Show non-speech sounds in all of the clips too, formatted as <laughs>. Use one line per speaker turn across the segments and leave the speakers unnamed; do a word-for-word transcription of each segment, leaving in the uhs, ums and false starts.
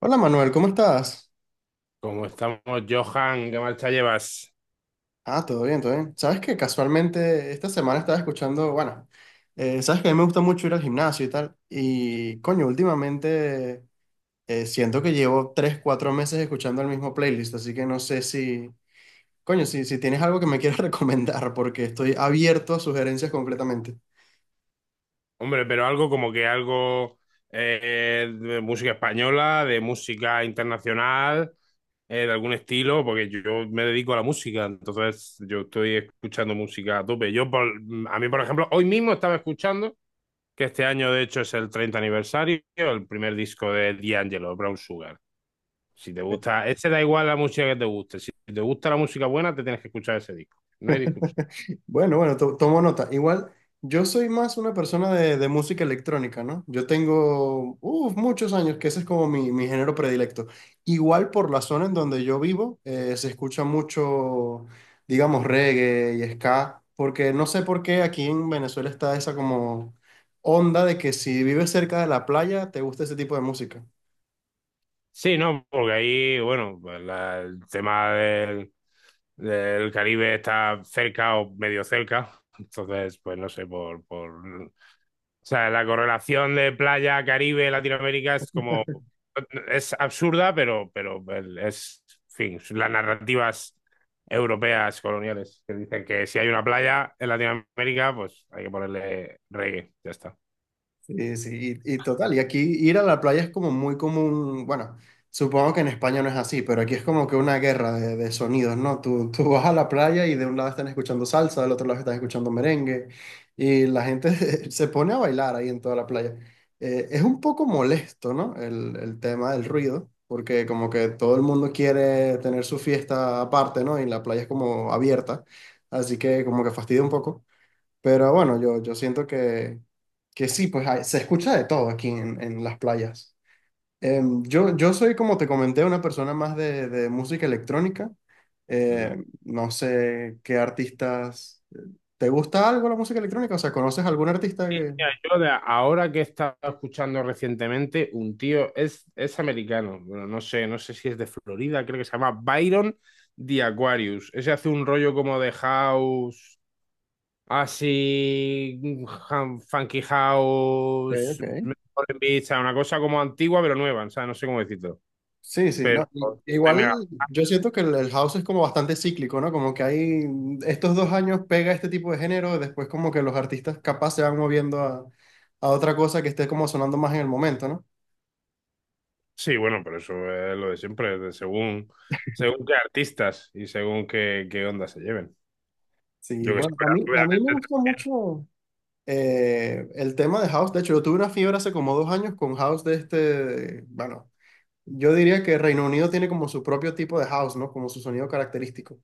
Hola Manuel, ¿cómo estás?
Como estamos, Johan, ¿qué marcha llevas?
Ah, todo bien, todo bien. Sabes que casualmente esta semana estaba escuchando, bueno, eh, sabes que a mí me gusta mucho ir al gimnasio y tal, y coño, últimamente eh, siento que llevo tres, cuatro meses escuchando el mismo playlist, así que no sé si, coño, si, si tienes algo que me quieras <laughs> recomendar, porque estoy abierto a sugerencias completamente.
Hombre, pero algo como que algo eh, de música española, de música internacional, eh, de algún estilo, porque yo yo me dedico a la música, entonces yo estoy escuchando música a tope. Yo, por- a mí, por ejemplo, hoy mismo estaba escuchando, que este año de hecho es el treinta aniversario, el primer disco de D'Angelo, Brown Sugar. Si te gusta, ese da igual la música que te guste, si te gusta la música buena, te tienes que escuchar ese disco, no hay discusión.
<laughs> Bueno, bueno, to- tomo nota. Igual, yo soy más una persona de, de música electrónica, ¿no? Yo tengo uf, muchos años que ese es como mi, mi género predilecto. Igual por la zona en donde yo vivo, eh, se escucha mucho, digamos, reggae y ska, porque no sé por qué aquí en Venezuela está esa como onda de que si vives cerca de la playa, te gusta ese tipo de música.
Sí, no, porque ahí, bueno, pues la- el tema del, del Caribe está cerca o medio cerca. Entonces, pues no sé, por, por... o sea, la correlación de playa, Caribe, Latinoamérica es como. Es absurda, pero, pero el- es, en fin, las narrativas europeas coloniales que dicen que si hay una playa en Latinoamérica, pues hay que ponerle reggae, ya está.
Sí, sí, y, y total, y aquí ir a la playa es como muy común, bueno, supongo que en España no es así, pero aquí es como que una guerra de, de sonidos, ¿no? Tú, tú vas a la playa y de un lado están escuchando salsa, del otro lado están escuchando merengue, y la gente <laughs> se pone a bailar ahí en toda la playa. Eh, es un poco molesto, ¿no? El, el tema del ruido, porque como que todo el mundo quiere tener su fiesta aparte, ¿no? Y la playa es como abierta, así que como que fastidia un poco. Pero bueno, yo, yo siento que, que sí, pues hay- se escucha de todo aquí en, en las playas. Em, yo, yo soy, como te comenté, una persona más de, de música electrónica. Em, no sé qué artistas... eh, ¿Te gusta algo la música electrónica? O sea, ¿conoces algún artista que...?
Mira, yo de ahora que he estado escuchando recientemente, un tío es, es americano, bueno, no sé, no sé si es de Florida, creo que se llama Byron The Aquarius. Ese hace un rollo como de house, así, han- funky
Ok,
house,
ok.
Foreign Beach, o sea, una cosa como antigua pero nueva, o sea, no sé cómo decirlo.
Sí, sí,
Pero
no. i-
estoy
Igual
mega.
yo siento que el, el house es como bastante cíclico, ¿no? Como que hay estos dos años pega este tipo de género, después como que los artistas capaz se van moviendo a, a otra cosa que esté como sonando más en el momento, ¿no?
Sí, bueno, pero eso es lo de siempre, de según, según qué artistas y según qué, qué onda se lleven.
Sí,
Yo que sé,
bueno, a
pero
mí, a mí me
obviamente.
gusta mucho eh, el tema de House. De hecho, yo tuve una fiebre hace como dos años con House de este, bueno, yo diría que Reino Unido tiene como su propio tipo de House, ¿no? Como su sonido característico.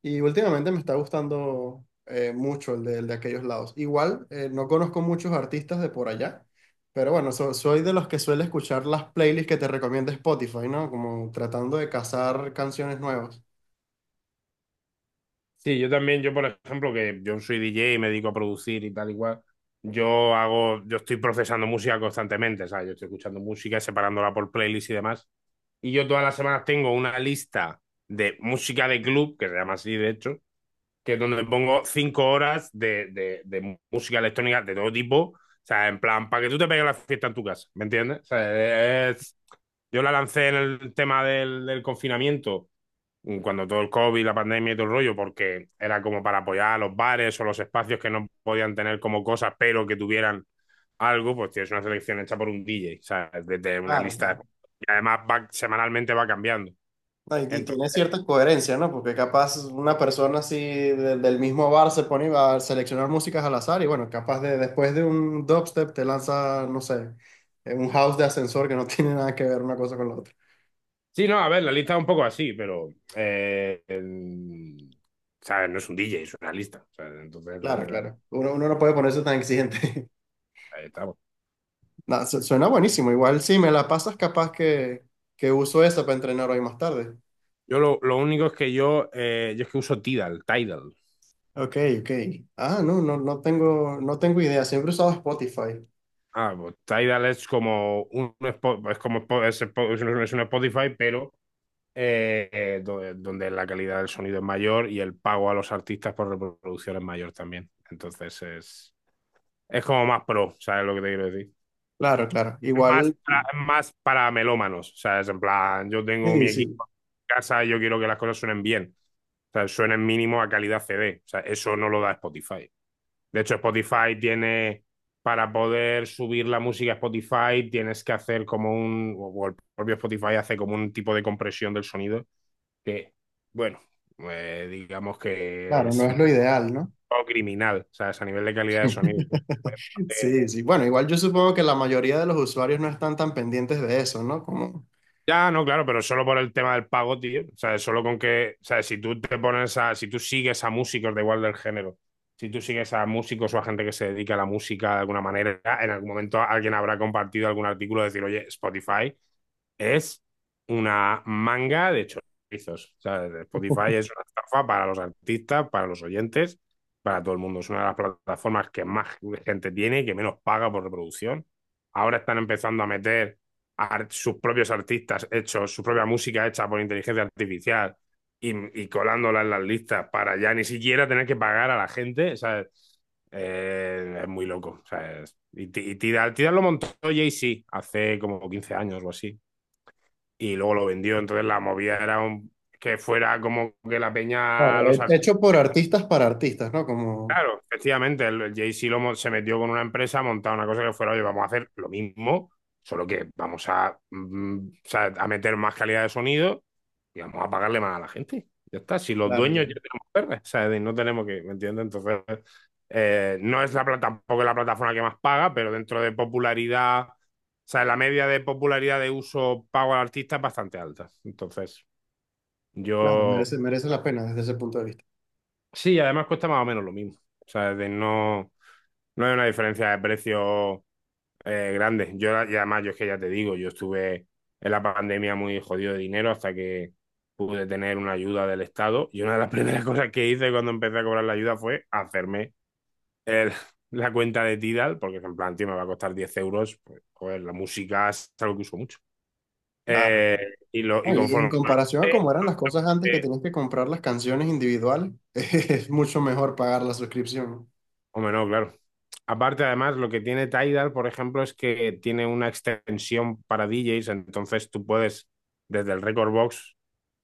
Y últimamente me está gustando eh, mucho el de, el de aquellos lados. Igual, eh, no conozco muchos artistas de por allá, pero bueno, so- soy de los que suele escuchar las playlists que te recomienda Spotify, ¿no? Como tratando de cazar canciones nuevas.
Sí, yo también, yo por ejemplo, que yo soy D J y me dedico a producir y tal y cual, yo hago, yo estoy procesando música constantemente, ¿sabes? Yo estoy escuchando música, separándola por playlists y demás. Y yo todas las semanas tengo una lista de música de club, que se llama así de hecho, que es donde pongo cinco horas de, de, de música electrónica de todo tipo. O sea, en plan, para que tú te pegues la fiesta en tu casa, ¿me entiendes? O sea, es. Yo la lancé en el tema del, del confinamiento, mm, cuando todo el COVID, la pandemia y todo el rollo, porque era como para apoyar a los bares o los espacios que no podían tener como cosas, pero que tuvieran algo, pues tienes una selección hecha por un D J, o sea, desde una
Claro,
lista
claro.
de. Y además va, semanalmente va cambiando.
No, y, y tiene
Entonces.
cierta coherencia, ¿no? Porque capaz una persona así de- del mismo bar se pone a seleccionar músicas al azar y bueno, capaz de después de un dubstep te lanza, no sé, eh, un house de ascensor que no <laughs> tiene nada que ver una cosa con la otra.
Sí, no, a ver, la lista es un poco así, pero. eh, el- o sea, no es un D J, es una lista. O sea, entonces,
Claro,
eh, eh,
claro. Uno, uno no puede ponerse tan exigente.
ahí estamos.
<laughs> Nada, su- suena buenísimo. Igual sí, me la pasas capaz que, que uso esa para entrenar hoy más tarde.
Yo lo, lo único es que yo, eh, yo es que uso Tidal, Tidal.
Ok, ok. Ah, no, no, no tengo, no tengo idea. Siempre he usado Spotify.
Ah, pues Tidal es como un Spo- es como Spo- es, Spo- es un es un Spotify, pero eh, eh, do- eh, donde la calidad del sonido es mayor y el pago a los artistas por reproducción es mayor también. Entonces es, es como más pro, ¿sabes lo que te quiero decir?
Claro, claro.
más
Igual,
para, más para melómanos. O sea, es en plan, yo tengo
sí,
mi
sí.
equipo en casa y yo quiero que las cosas suenen bien. O sea, suenen mínimo a calidad C D. O sea, eso no lo da Spotify. De hecho, Spotify tiene, para poder subir la música a Spotify, tienes que hacer como un, o el propio Spotify hace como un tipo de compresión del sonido que, bueno, eh, digamos que
Claro, no
es
es
un
lo ideal, ¿no?
poco criminal. O sea, es a nivel de calidad de sonido.
<laughs> Sí, sí. Bueno, igual yo supongo que la mayoría de los usuarios no están tan pendientes de eso, ¿no? Como,
Ya, no, claro, pero solo por el tema del pago, tío. O sea, solo con que, o sea, si tú te pones a, si tú sigues a músicos de igual del género, si tú sigues a músicos o a gente que se dedica a la música de alguna manera, en algún momento alguien habrá compartido algún artículo de decir, oye, Spotify es una manga de chorizos. O sea, Spotify es una estafa para los artistas, para los oyentes, para todo el mundo. Es una de las plataformas que más gente tiene y que menos paga por reproducción. Ahora están empezando a meter a sus propios artistas hechos, su propia música hecha por inteligencia artificial y, y colándola en las listas para ya ni siquiera tener que pagar a la gente. O sea, eh, es muy loco. O sea, es- y, Tidal, Tidal lo montó Jay-Z hace como quince años o así y luego lo vendió. Entonces la movida era un- que fuera como que la peña
claro,
los
he-
artistas.
hecho por artistas para artistas, ¿no? Como,
Claro, efectivamente, el, el Jay-Z lo mo- se metió con una empresa, montó una cosa que fuera, oye, vamos a hacer lo mismo, solo que vamos a, mm, o sea, a meter más calidad de sonido y vamos a pagarle más a la gente. Ya está, si los
claro,
dueños
claro,
ya tenemos verdes, o sea, de- no tenemos que, ¿me entiendes? Entonces, eh, no es la plata, tampoco es la plataforma que más paga, pero dentro de popularidad, o sea, la media de popularidad de uso pago al artista es bastante alta. Entonces,
claro,
Yo,
merece, merece la pena desde ese punto de vista.
sí, además cuesta más o menos lo mismo. O sea, de no, no hay una diferencia de precio eh, grande. Yo, y además, yo es que ya te digo, yo estuve en la pandemia muy jodido de dinero hasta que pude tener una ayuda del Estado. Y una de las <laughs> primeras cosas que hice cuando empecé a cobrar la ayuda fue hacerme el- <laughs> la cuenta de Tidal, porque en plan, tío, me va a costar diez euros. Pues, joder, la música es algo que uso mucho.
Claro.
Eh, y, lo, y
No, y en
conforme
comparación a cómo eran las cosas antes que tenías que comprar las canciones individuales, <laughs> es mucho mejor pagar la suscripción.
Hombre, no, claro. Aparte, además, lo que tiene Tidal, por ejemplo, es que tiene una extensión para D Js, entonces tú puedes, desde el Record Box,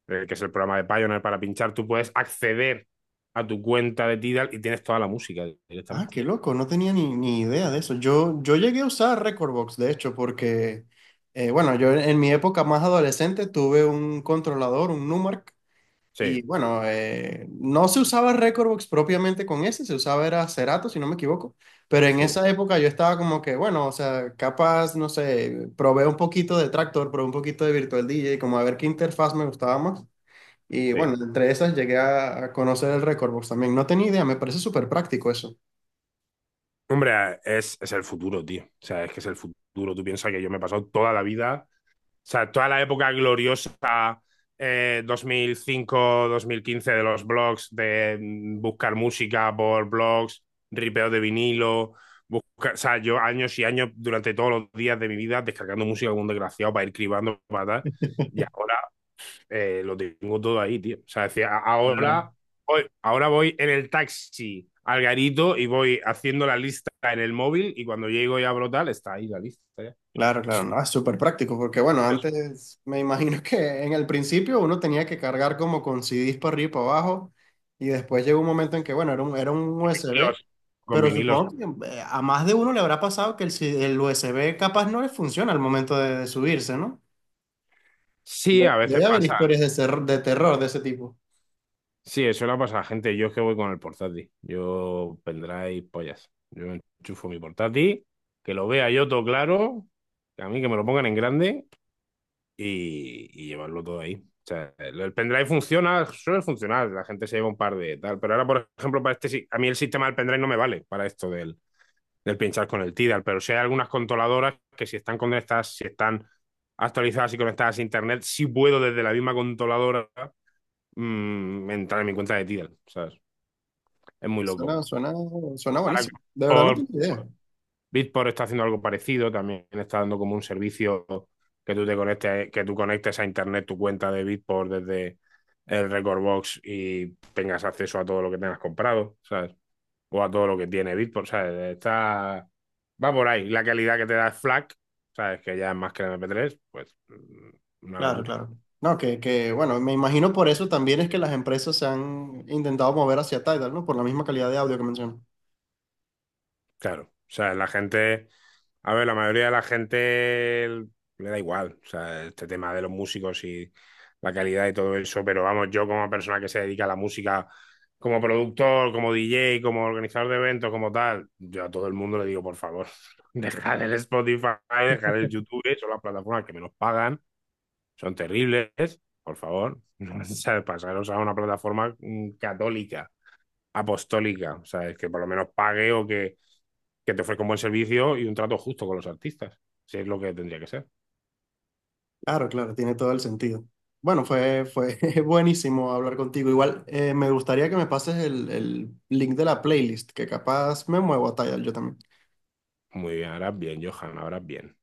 eh, que es el programa de Pioneer para pinchar, tú puedes acceder a tu cuenta de Tidal y tienes toda la música
Ah,
directamente.
qué loco, no tenía ni, ni idea de eso. Yo, yo llegué a usar Recordbox, de hecho, porque, eh, bueno, yo en mi época más adolescente tuve un controlador, un Numark. Y
Sí,
bueno, eh, no se usaba Recordbox propiamente con ese, se usaba era Cerato, si no me equivoco. Pero en
sí,
esa época yo estaba como que, bueno, o sea, capaz, no sé, probé un poquito de Tractor, probé un poquito de Virtual D J, como a ver qué interfaz me gustaba más. Y
sí.
bueno, entre esas llegué a a conocer el Recordbox también. No tenía idea, me parece súper práctico eso.
Hombre, es, es el futuro, tío. O sea, es que es el futuro. Tú piensas que yo me he pasado toda la vida. O sea, toda la época gloriosa eh, dos mil cinco-dos mil quince de los blogs, de mm, buscar música por blogs, ripeo de vinilo, buscar, o sea, yo años y años durante todos los días de mi vida descargando música como un desgraciado para ir cribando, para tal, y ahora eh, lo tengo todo ahí, tío. O sea, es decir, a-
Claro.
ahora voy, ahora voy en el taxi al garito y voy haciendo la lista en el móvil y cuando llego y abro tal, está ahí la lista ya.
Claro, claro, no, es súper práctico porque bueno,
Los
antes me imagino que en el principio uno tenía que cargar como con C Ds para arriba y para abajo y después llegó un momento en que bueno, era un, era un U S B,
vinilos, con
pero
vinilos.
supongo que eh, a más de uno le habrá pasado que el, C- el U S B capaz no le funciona al momento de, de subirse, ¿no?
Sí,
De-
a veces
debe haber
pasa.
historias de, ser- de terror de ese tipo.
Sí, eso le pasa a la gente. Yo es que voy con el portátil. Yo pendrive pollas. Yo enchufo mi portátil, que lo vea yo todo claro, que a mí que me lo pongan en grande y, y llevarlo todo ahí. O sea, el el pendrive funciona, suele funcionar, la gente se lleva un par de tal, pero ahora, por ejemplo, para este, sí- a mí el sistema del pendrive no me vale para esto del, del pinchar con el Tidal, pero sí hay algunas controladoras que si están conectadas, si están actualizadas y conectadas a internet, sí puedo desde la misma controladora mm, entrar en mi cuenta de Tidal, ¿sabes? Es muy
Suena,
loco.
suena, suena
Ahora
buenísimo. De verdad no
por
tengo idea.
Bitport está haciendo algo parecido, también está dando como un servicio que tú te conectes, que tú conectes a internet tu cuenta de Bitport desde el Record Box y tengas acceso a todo lo que tengas comprado, ¿sabes? O a todo lo que tiene Bitport, ¿sabes? Está Va por ahí. La calidad que te da el FLAC, ¿sabes? Que ya es más que el m p tres, pues mm, una
Claro,
locura.
claro. No, que, que, bueno, me imagino por eso también es que las empresas se han intentado mover hacia Tidal, ¿no? Por la misma calidad de audio que mencionas.
Claro, o sea, la gente, a ver, la mayoría de la gente le da igual, o sea, este tema de los músicos y la calidad y todo eso, pero vamos, yo como persona que se dedica a la música, como productor, como D J, como organizador de eventos, como tal, yo a todo el mundo le digo, por favor, <laughs> dejar el Spotify, dejar el YouTube, son las plataformas que menos pagan, son terribles, por favor, <laughs> o sea, pasaros a una plataforma mm, católica, apostólica, o sea, es que por lo menos pague o que que te ofrezca un buen servicio y un trato justo con los artistas. Si es lo que tendría que ser.
Claro, claro, tiene todo el sentido. Bueno, fue, fue <laughs> buenísimo hablar contigo. Igual, eh, me gustaría que me pases el, el link de la playlist, que capaz me muevo a Tidal yo también.
Muy bien, ahora bien, Johan, ahora bien.